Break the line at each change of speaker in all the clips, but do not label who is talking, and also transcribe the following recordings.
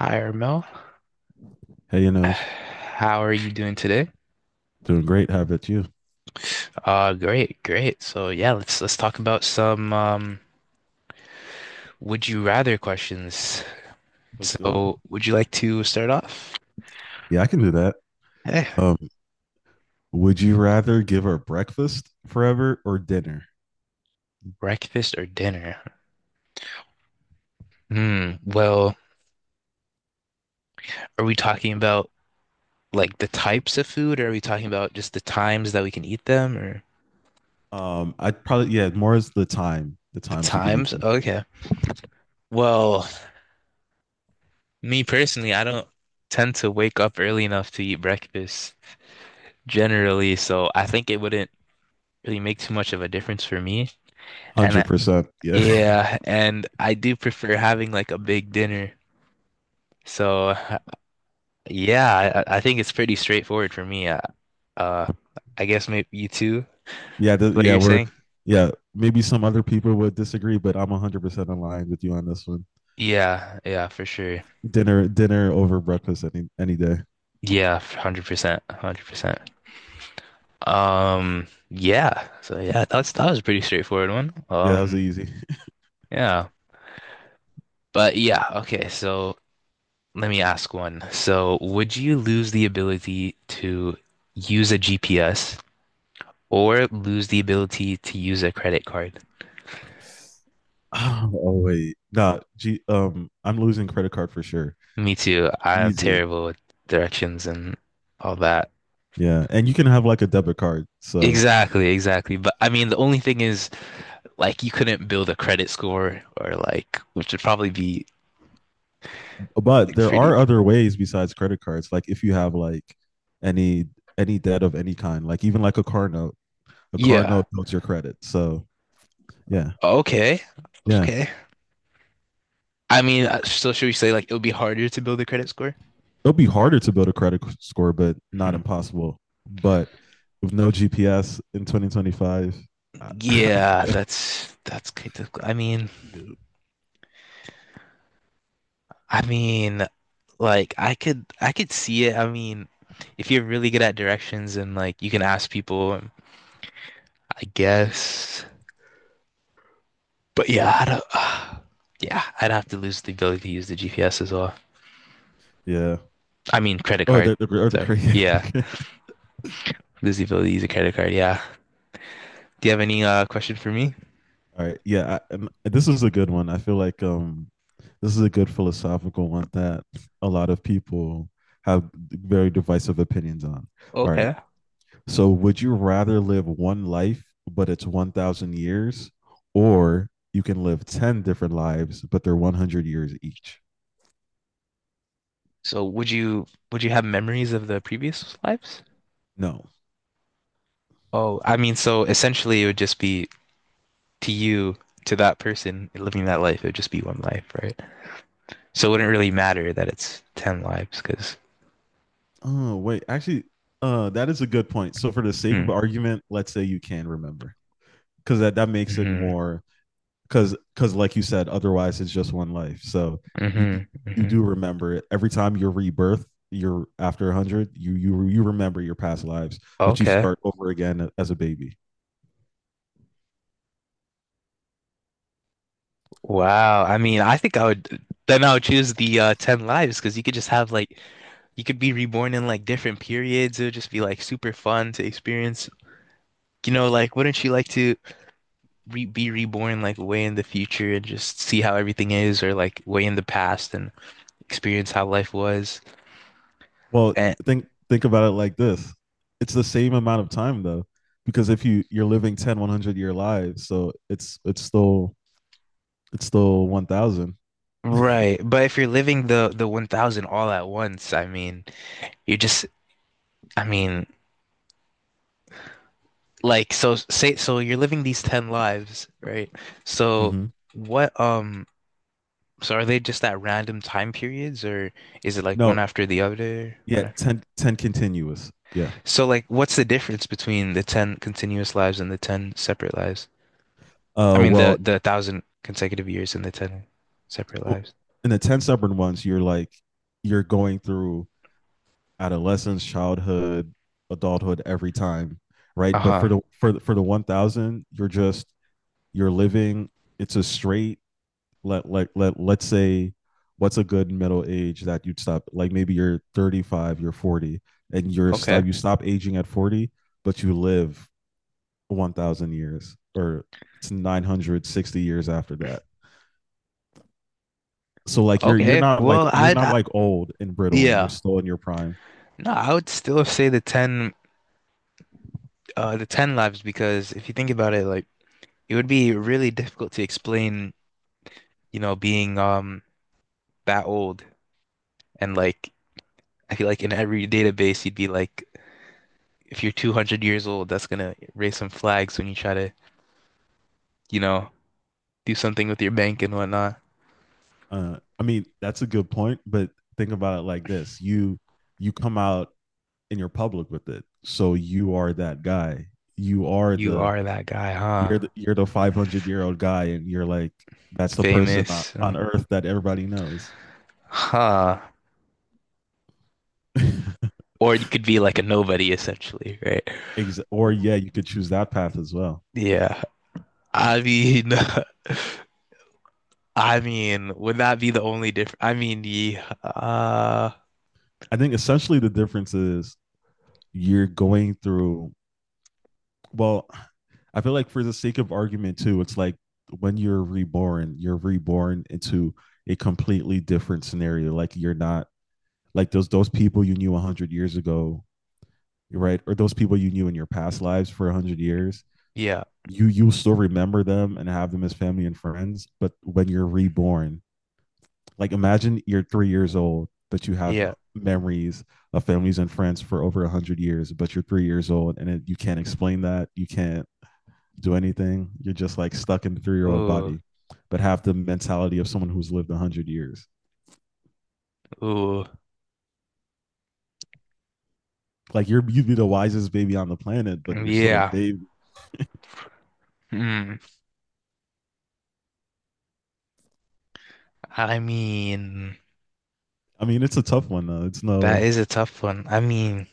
Hi, Ermel.
Hey, Inosh,
How are you doing today?
doing great. How about you?
Great, great. So yeah, let's talk about some would you rather questions.
Let's do it.
So, would you like to start off?
Yeah, I can do that.
Eh,
Um, would you rather give her breakfast forever or dinner?
breakfast or dinner? Hmm. Well, are we talking about like the types of food, or are we talking about just the times that we can eat them, or
I'd probably yeah, more is the
the
times you can eat
times?
them.
Okay. Well, me personally, I don't tend to wake up early enough to eat breakfast generally, so I think it wouldn't really make too much of a difference for me. And
Hundred percent. Yeah,
yeah, and I do prefer having like a big dinner. So yeah, I think it's pretty straightforward for me. Uh, I guess maybe you too,
yeah,
what
yeah.
you're
We're
saying?
yeah. Maybe some other people would disagree, but I'm 100% in line with you on this one.
Yeah, yeah, for sure.
Dinner, dinner over breakfast any day.
Yeah, 100%, 100%. Yeah. So yeah, that was a pretty straightforward one.
Yeah, that was easy.
Yeah. But yeah, okay, so let me ask one. So, would you lose the ability to use a GPS or lose the ability to use a credit card?
Oh, wait, nah. I'm losing credit card for sure.
Me too. I am
Easy.
terrible with directions and all that.
Yeah, and you can have like a debit card. So,
Exactly, exactly. But I mean, the only thing is, like, you couldn't build a credit score or, like, which would probably be
but
like,
there
pretty.
are other ways besides credit cards. Like if you have like any any debt of any kind, like even like a car
Yeah.
note builds your credit. So, yeah,
Okay.
yeah,
Okay. I mean, so should we say, like, it would be harder to build a credit score?
it'll be harder to build a credit score, but not
Mhm.
impossible. But with no GPS in 2025, I,
Yeah,
yeah,
that's good. I mean,
yeah.
I mean, like I could see it. I mean, if you're really good at directions and like you can ask people, I guess. But yeah, I don't, yeah, I'd have to lose the ability to use the GPS as well.
Yeah.
I mean, credit
Or
card.
the
Sorry.
crazy.
Yeah, lose the ability to use a credit card. Yeah. Do you have any question for me?
All right. Yeah. And this is a good one. I feel like this is a good philosophical one that a lot of people have very divisive opinions on. All right.
Okay.
So, would you rather live one life, but it's 1,000 years, or you can live 10 different lives, but they're 100 years each?
So would you have memories of the previous lives?
No.
Oh, I mean, so essentially it would just be to you, to that person living that life, it would just be one life, right? So it wouldn't really matter that it's 10 lives because.
Oh, wait. Actually, that is a good point. So for the sake of
Mm,
argument, let's say you can remember. Because that makes it
hmm
more, because like you said, otherwise it's just one life. So you d-
hmm
you do
hmm.
remember it. Every time you're rebirth, you're after 100, you remember your past lives, but you
Okay.
start over again as a baby.
Wow. I mean, I think I would then I would choose the 10 lives because you could just have like you could be reborn in like different periods. It would just be like super fun to experience. You know, like wouldn't you like to re be reborn like way in the future and just see how everything is, or like way in the past and experience how life was?
Well,
And
think about it like this. It's the same amount of time though, because if you're living 10, 100-year lives, so it's still 1000.
right, but if you're living the 1000 all at once, I mean, you're just I mean, like, so say, so you're living these 10 lives, right? So
Mhm.
what, so are they just at random time periods or is it like one
No,
after the other?
yeah,
One after...
ten continuous. Yeah.
So like, what's the difference between the 10 continuous lives and the 10 separate lives? I mean, the,
Well,
the thousand consecutive years and the 10 separate lives.
in the 10 stubborn ones, you're like, you're going through adolescence, childhood, adulthood every time, right? But for
Uh-huh.
the for the, for the 1000, you're just you're living, it's a straight, let's say what's a good middle age that you'd stop, like maybe you're 35, you're 40, and you're stop
Okay.
you stop aging at 40, but you live 1000 years, or it's 960 years after that. So like you're you're
Okay.
not like
Well,
you're not
I,
like old and brittle. You're
yeah.
still in your prime.
No, I would still say the 10, the 10 lives because if you think about it, like, it would be really difficult to explain you know, being that old and like I feel like in every database you'd be like if you're 200 years old, that's gonna raise some flags when you try to, you know, do something with your bank and whatnot.
I mean, that's a good point, but think about it like this. You come out and you're public with it. So you are that guy. You are
You
the
are that guy, huh?
you're the you're the 500-year-old guy, and you're like that's the person on,
Famous,
on earth that everybody knows.
huh? Or you could be like a nobody essentially, right?
Or yeah, you could choose that path as well.
Yeah. I mean, I mean, would that be the only difference? I mean, the
I think essentially the difference is you're going through well, I feel like for the sake of argument too, it's like when you're reborn into a completely different scenario. Like you're not like those people you knew 100 years ago, right? Or those people you knew in your past lives for 100 years.
yeah,
You still remember them and have them as family and friends, but when you're reborn, like imagine you're 3 years old, but you have
yeah.
memories of families and friends for over 100 years, but you're 3 years old, and you can't explain that, you can't do anything. You're just like stuck in the 3-year old
Ooh,
body, but have the mentality of someone who's lived 100 years.
ooh,
Like you'd be the wisest baby on the planet, but you're still a
yeah.
baby.
Hmm. I mean,
I mean, it's a tough one though. It's
that
no,
is a tough one. I mean,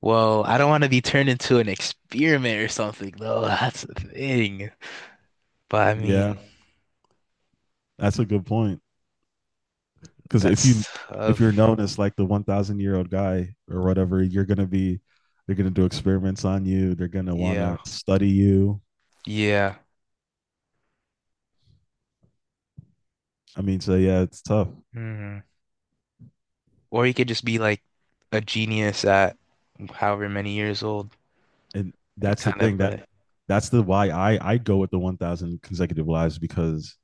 well, I don't want to be turned into an experiment or something, though. That's the thing. But I
yeah,
mean, yeah,
that's a good point. Because if you
that's
if you're
tough.
known as like the 1,000-year old guy or whatever, you're gonna be, they're gonna do experiments on you. They're gonna want
Yeah.
to study you.
Yeah.
I mean, so yeah, it's tough,
Hmm. Or you could just be like a genius at however many years old
and
and
that's the
kind of
thing that that's the why I go with the 1,000 consecutive lives because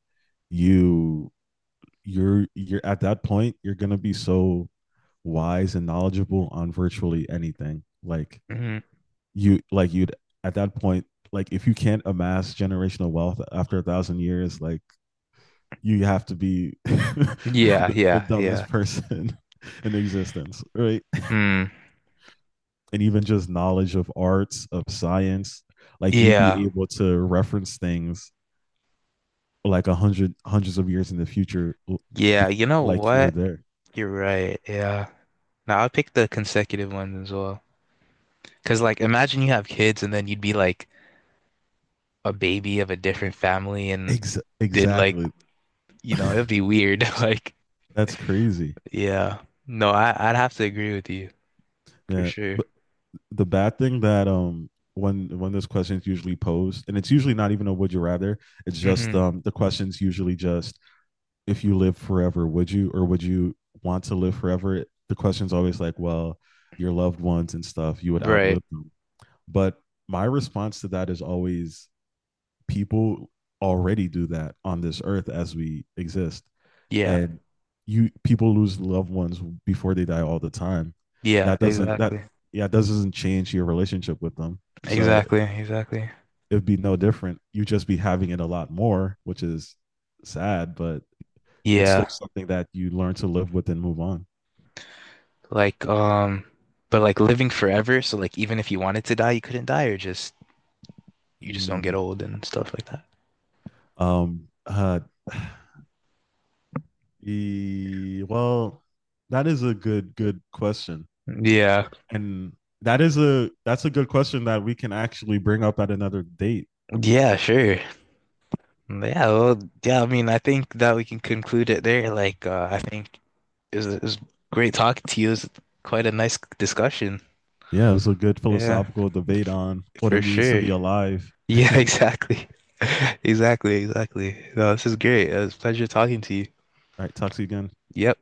you you're at that point you're gonna be so wise and knowledgeable on virtually anything, like
mhm.
you like you'd at that point, like if you can't amass generational wealth after 1,000 years, like you have to be the,
Yeah,
the
yeah, yeah.
dumbest person in existence, right?
Hmm.
And even just knowledge of arts of science, like you'd
Yeah.
be able to reference things like a hundred hundreds of years in the future,
Yeah. You know
like you were
what?
there.
You're right. Yeah. Now I'll pick the consecutive ones as well. Because, like, imagine you have kids and then you'd be like, a baby of a different family and did like,
Exactly.
you know, it'd be weird. Like,
That's crazy.
yeah. No, I'd have to agree with you for
Yeah.
sure.
But the bad thing that when those questions usually posed, and it's usually not even a would you rather. It's just
Hmm.
the questions usually just if you live forever, would you or would you want to live forever? The question's always like, well, your loved ones and stuff, you would
Right.
outlive them. But my response to that is always people already do that on this earth as we exist,
Yeah.
and you people lose loved ones before they die all the time.
Yeah,
That doesn't that
exactly.
yeah that doesn't change your relationship with them. So
Exactly. Exactly.
it'd be no different. You just be having it a lot more, which is sad, but it's still
Yeah.
something that you learn to live with and move on.
Like, but like living forever, so like even if you wanted to die, you couldn't die or just you just don't get
Mm,
old and stuff like that.
um. Uh. Well, that is a good question,
Yeah.
and that's a good question that we can actually bring up at another date.
Yeah, sure. Yeah, well, yeah, I mean, I think that we can conclude it there. Like, I think it was, it was great talking to you. It was quite a nice discussion.
Yeah, it was a good
Yeah,
philosophical debate
f-
on what it
for
means to
sure.
be alive.
Yeah,
All
exactly. Exactly, exactly. No, this is great. It was a pleasure talking to you.
right, talk to you again.
Yep.